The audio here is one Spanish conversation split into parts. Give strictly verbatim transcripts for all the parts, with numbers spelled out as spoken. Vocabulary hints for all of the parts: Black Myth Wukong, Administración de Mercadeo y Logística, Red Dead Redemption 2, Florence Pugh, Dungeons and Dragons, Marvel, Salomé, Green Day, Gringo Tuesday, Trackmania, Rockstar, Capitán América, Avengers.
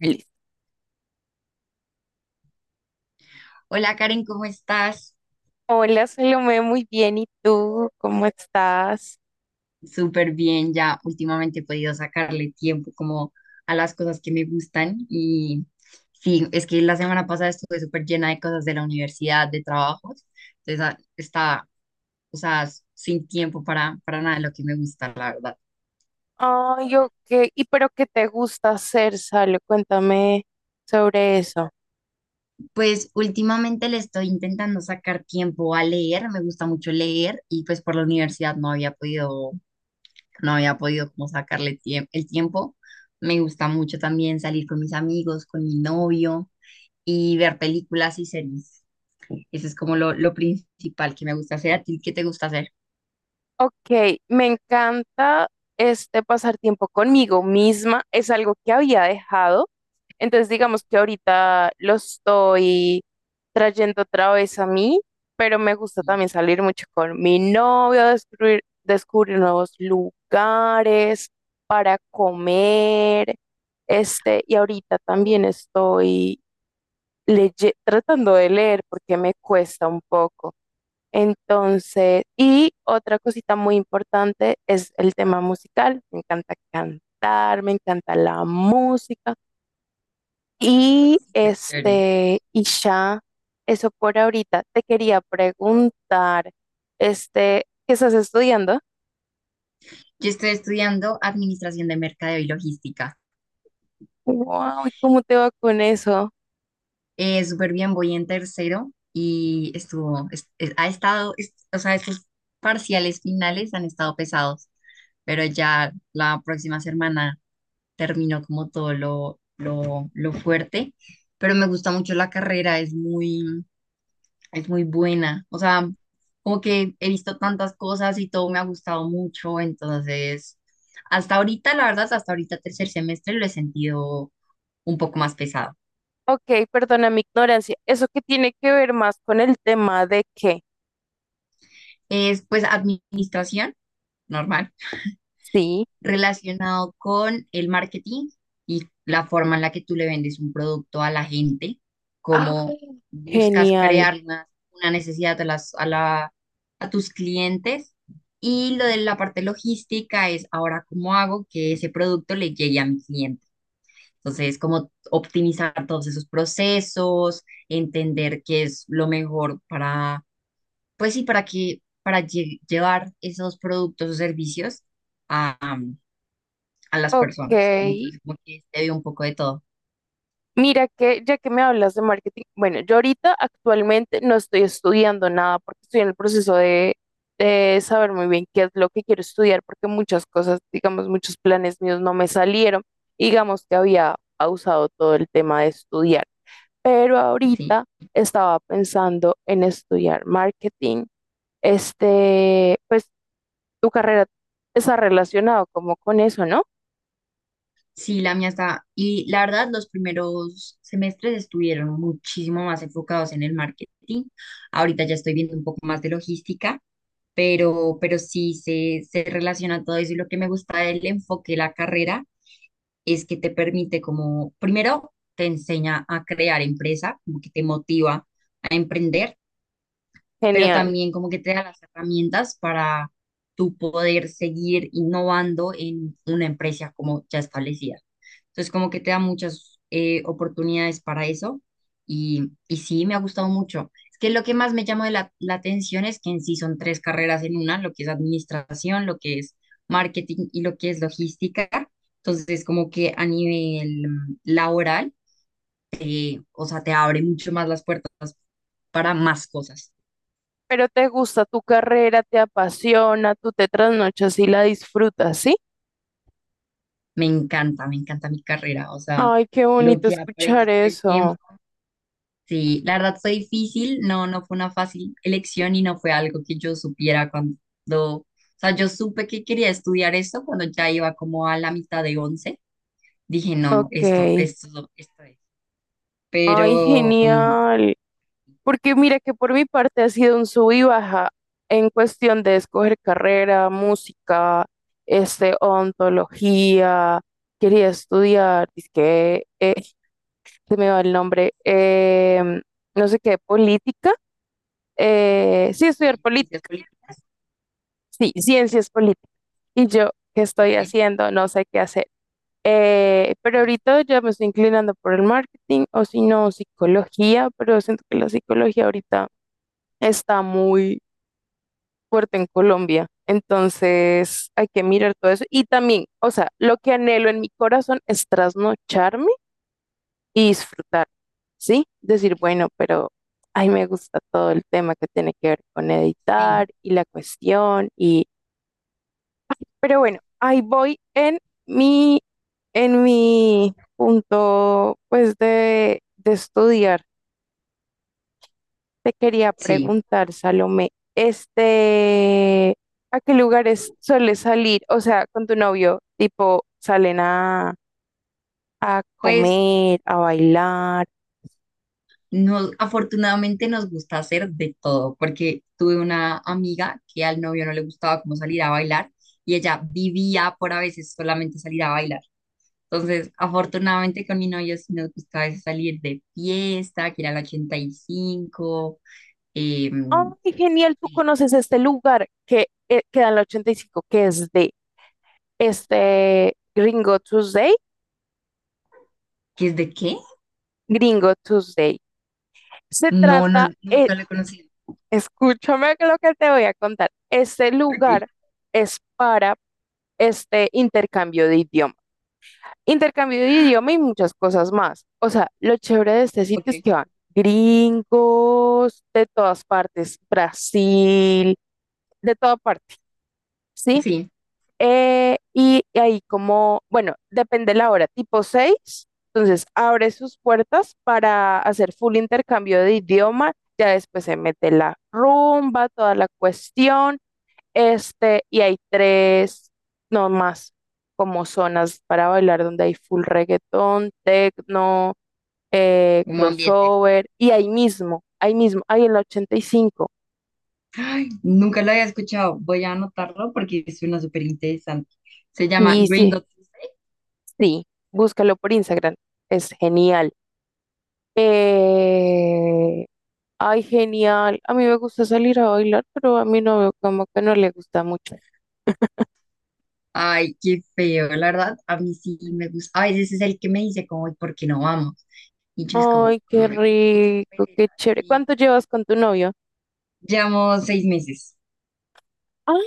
Listo. Hola Karen, ¿cómo estás? Hola, Salomé, muy bien. ¿Y tú? ¿Cómo estás? Súper bien, ya últimamente he podido sacarle tiempo como a las cosas que me gustan y sí, es que la semana pasada estuve súper llena de cosas de la universidad, de trabajos, entonces ah, estaba, o sea, s- sin tiempo para, para nada de lo que me gusta, la verdad. Ay, yo qué. ¿Y pero qué te gusta hacer, Salo? Cuéntame sobre eso. Pues últimamente le estoy intentando sacar tiempo a leer, me gusta mucho leer y pues por la universidad no había podido no había podido como sacarle tie- el tiempo. Me gusta mucho también salir con mis amigos, con mi novio y ver películas y series. Eso es como lo, lo principal que me gusta hacer. ¿A ti qué te gusta hacer? Ok, me encanta este pasar tiempo conmigo misma, es algo que había dejado, entonces digamos que ahorita lo estoy trayendo otra vez a mí, pero me gusta también salir mucho con mi novio, descubrir, descubrir nuevos lugares para comer, este, y ahorita también estoy leye- tratando de leer porque me cuesta un poco. Entonces, y otra cosita muy importante es el tema musical. Me encanta cantar, me encanta la música. Y Súper chévere. este, y ya, eso por ahorita. Te quería preguntar, este, ¿qué estás estudiando? Yo estoy estudiando Administración de Mercadeo y Logística. Wow, ¿y cómo te va con eso? Eh, súper bien, voy en tercero y estuvo, es- es- ha estado, es- o sea, estos parciales finales han estado pesados, pero ya la próxima semana terminó como todo lo, lo, lo fuerte, pero me gusta mucho la carrera, es muy, es muy buena, o sea, como que he visto tantas cosas y todo me ha gustado mucho, entonces, hasta ahorita, la verdad, hasta ahorita tercer semestre lo he sentido un poco más pesado. Ok, perdona mi ignorancia. ¿Eso qué tiene que ver más con el tema de qué? Es pues administración, normal Sí. relacionado con el marketing y la forma en la que tú le vendes un producto a la gente, Ah, cómo buscas genial. crear una, una necesidad a, las, a, la, a tus clientes. Y lo de la parte logística es ahora cómo hago que ese producto le llegue a mi cliente. Entonces, como optimizar todos esos procesos, entender qué es lo mejor para, pues sí, para que, para lle- llevar esos productos o servicios a, a las Ok. personas. ¿No? Entonces, como que se vio un poco de todo. Mira que ya que me hablas de marketing, bueno, yo ahorita actualmente no estoy estudiando nada porque estoy en el proceso de, de saber muy bien qué es lo que quiero estudiar porque muchas cosas, digamos, muchos planes míos no me salieron. Digamos que había pausado todo el tema de estudiar, pero Sí, ahorita estaba pensando en estudiar marketing. Este, pues tu carrera está relacionado como con eso, ¿no? sí, la mía está. Y la verdad, los primeros semestres estuvieron muchísimo más enfocados en el marketing. Ahorita ya estoy viendo un poco más de logística, pero, pero sí se, se relaciona todo eso. Y lo que me gusta del enfoque de la carrera es que te permite como, primero, te enseña a crear empresa, como que te motiva a emprender, pero Genial. también como que te da las herramientas para tú poder seguir innovando en una empresa como ya establecida. Entonces, como que te da muchas eh, oportunidades para eso y, y sí, me ha gustado mucho. Es que lo que más me llama de la, la atención es que en sí son tres carreras en una, lo que es administración, lo que es marketing y lo que es logística. Entonces, como que a nivel mm, laboral, te- o sea, te abre mucho más las puertas para más cosas. Pero te gusta tu carrera, te apasiona, tú te trasnochas y la disfrutas, ¿sí? Me encanta, me encanta mi carrera, o sea, Ay, qué lo bonito que aprendo escuchar todo el eso. tiempo. Sí, la verdad fue difícil, no, no fue una fácil elección y no fue algo que yo supiera cuando, o sea, yo supe que quería estudiar esto cuando ya iba como a la mitad de once. Dije, no, Ok. esto, esto, esto es. Ay, Pero, mm, genial. Porque mira que por mi parte ha sido un sub y baja en cuestión de escoger carrera, música, este, ontología. Quería estudiar, es que eh, se me va el nombre, em, no sé qué, política. Eh, sí, estudiar ciencias política. políticas, Sí, ciencias políticas. Y yo, ¿qué estoy ok, haciendo? No sé qué hacer. Eh, pero sí, ahorita ya me estoy inclinando por el marketing o si no, psicología, pero siento que la psicología ahorita está muy fuerte en Colombia. Entonces hay que mirar todo eso. Y también, o sea, lo que anhelo en mi corazón es trasnocharme y disfrutar, ¿sí? Decir, bueno, pero ay, me gusta todo el tema que tiene que ver con sí, editar y la cuestión y pero bueno, ahí voy en mi, en mi punto, pues, de, de estudiar. Te quería sí. preguntar, Salomé, este, ¿a qué lugares sueles salir? O sea, con tu novio, tipo, salen a, a Pues comer, a bailar. Nos, afortunadamente nos gusta hacer de todo, porque tuve una amiga que al novio no le gustaba cómo salir a bailar y ella vivía por a veces solamente salir a bailar. Entonces, afortunadamente con mi novio sí nos gusta a veces salir de fiesta, que era el ochenta y cinco. eh, ¡Ay, genial! Tú conoces este lugar que eh, queda en la ochenta y cinco que es de este Gringo Tuesday. ¿Qué es de qué? Gringo Tuesday. Se No, no, trata. eh, nunca lo he conocido. Escúchame lo que te voy a contar. Este Ok, lugar es para este intercambio de idioma. Intercambio de idioma y muchas cosas más. O sea, lo chévere de este sitio es ok. que van gringos de todas partes, Brasil, de toda parte, ¿sí? Sí, Eh, y ahí como, bueno, depende la hora, tipo seis, entonces abre sus puertas para hacer full intercambio de idioma, ya después se mete la rumba, toda la cuestión. Este, y hay tres, no más, como zonas para bailar donde hay full reggaetón, techno, eh, como ambiente. crossover, y ahí mismo, ahí mismo, ahí en la ochenta y cinco. Ay, nunca lo había escuchado. Voy a anotarlo porque es una súper interesante. Se llama Sí, sí, Gringo Tuesday. sí, búscalo por Instagram, es genial. Eh, Ay, genial, a mí me gusta salir a bailar, pero a mi novio como que no le gusta mucho. Ay, qué feo, la verdad. A mí sí me gusta. A veces es el que me dice como, "Ay, ¿por qué no vamos?" Y yo es como, Ay, qué "Mm, es que tengo como rico, qué pereza." chévere. Sí. ¿Cuánto llevas con tu novio? Llevamos seis meses. Ay,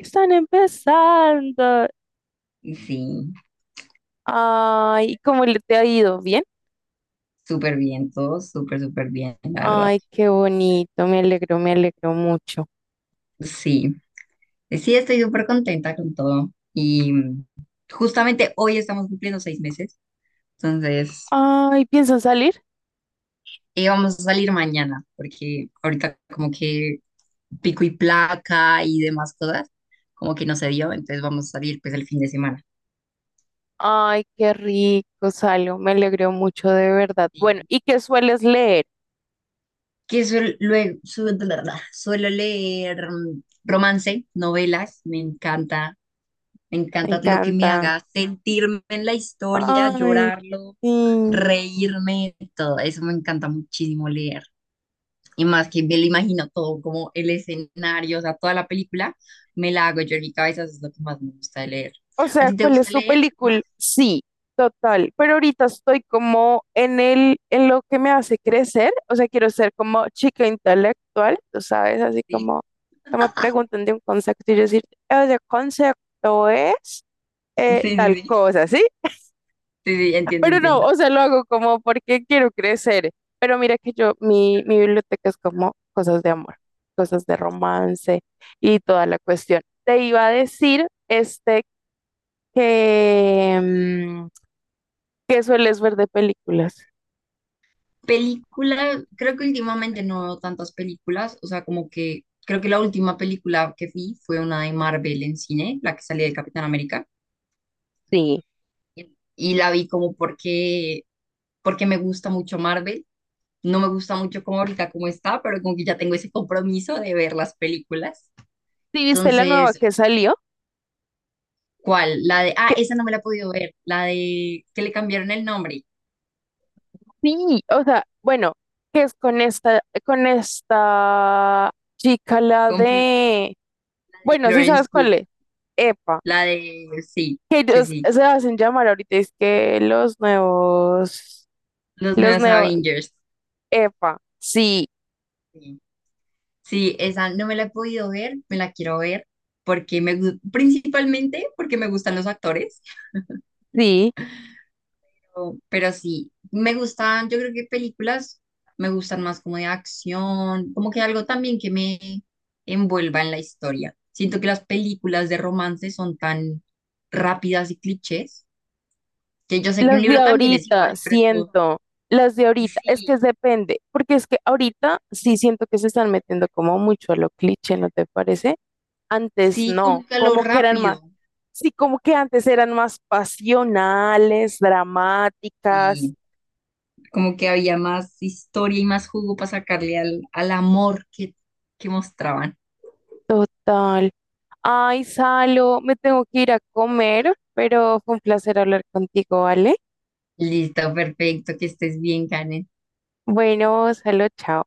están empezando. Sí, Ay, ¿cómo le te ha ido? ¿Bien? súper bien todo, súper, súper bien, la verdad. Ay, qué bonito, me alegro, me alegro mucho. Sí, sí, estoy súper contenta con todo. Y mm, justamente hoy estamos cumpliendo seis meses. Entonces, Ay, ¿piensan salir? eh, vamos a salir mañana, porque ahorita como que pico y placa y demás cosas, como que no se dio, entonces vamos a salir pues el fin de semana. Ay, qué rico, salgo, me alegro mucho de verdad. Bueno, Y ¿y qué sueles leer? Que suel- luego, su- suelo leer mm, romance, novelas, me encanta, me Me encanta lo que me encanta. haga sentirme en la historia, Ay, llorarlo, sí. reírme, todo eso me encanta muchísimo leer. Y más que me lo imagino todo, como el escenario, o sea, toda la película, me la hago yo en mi cabeza, eso es lo que más me gusta de leer. O ¿A sea, ti te ¿cuál es gusta tu leer más? película? Sí, total. Pero ahorita estoy como en el, en lo que me hace crecer. O sea, quiero ser como chica intelectual, tú sabes, así Sí, como que me preguntan de un concepto y yo decir, ese concepto es sí, eh, sí, tal sí, cosa, ¿sí? sí, sí, entiendo, Pero no, entiendo. o sea, lo hago como porque quiero crecer. Pero mira que yo, mi, mi biblioteca es como cosas de amor, cosas de romance y toda la cuestión. Te iba a decir, este, que, mm, que sueles ver de películas. Película, creo que últimamente no veo tantas películas, o sea, como que creo que la última película que vi fue una de Marvel en cine, la que salía de Capitán América, Sí. y la vi como porque, porque me gusta mucho Marvel, no me gusta mucho como ahorita como está, pero como que ya tengo ese compromiso de ver las películas. ¿Sí viste la nueva Entonces, que salió? ¿cuál? La de, ah, Que- esa no me la he podido ver, la de que le cambiaron el nombre, sí, o sea, bueno, que es con esta, con esta chica, la con Fl- de, la de bueno, sí Florence sabes Pugh, cuál es. Epa, la de, sí, que sí, ellos sí, se hacen llamar ahorita, es que los nuevos, los los nuevos nuevos, Avengers. Epa, sí, Sí. Sí, esa no me la he podido ver, me la quiero ver porque me, gu- principalmente porque me gustan los actores. sí. Pero, pero sí, me gustan, yo creo que películas me gustan más como de acción, como que algo también que me envuelva en la historia. Siento que las películas de romance son tan rápidas y clichés, que yo sé que un Las de libro también es igual, ahorita, pero es como, siento, las de ahorita, es que sí, depende, porque es que ahorita sí siento que se están metiendo como mucho a lo cliché, ¿no te parece? Antes sí, como no, que a lo como que eran más, rápido. sí, como que antes eran más pasionales, dramáticas, Y como que había más historia y más jugo para sacarle al, al amor que, que mostraban. total. Ay, Salo, me tengo que ir a comer, pero fue un placer hablar contigo, ¿vale? Listo, perfecto, que estés bien, Karen. Bueno, Salo, chao.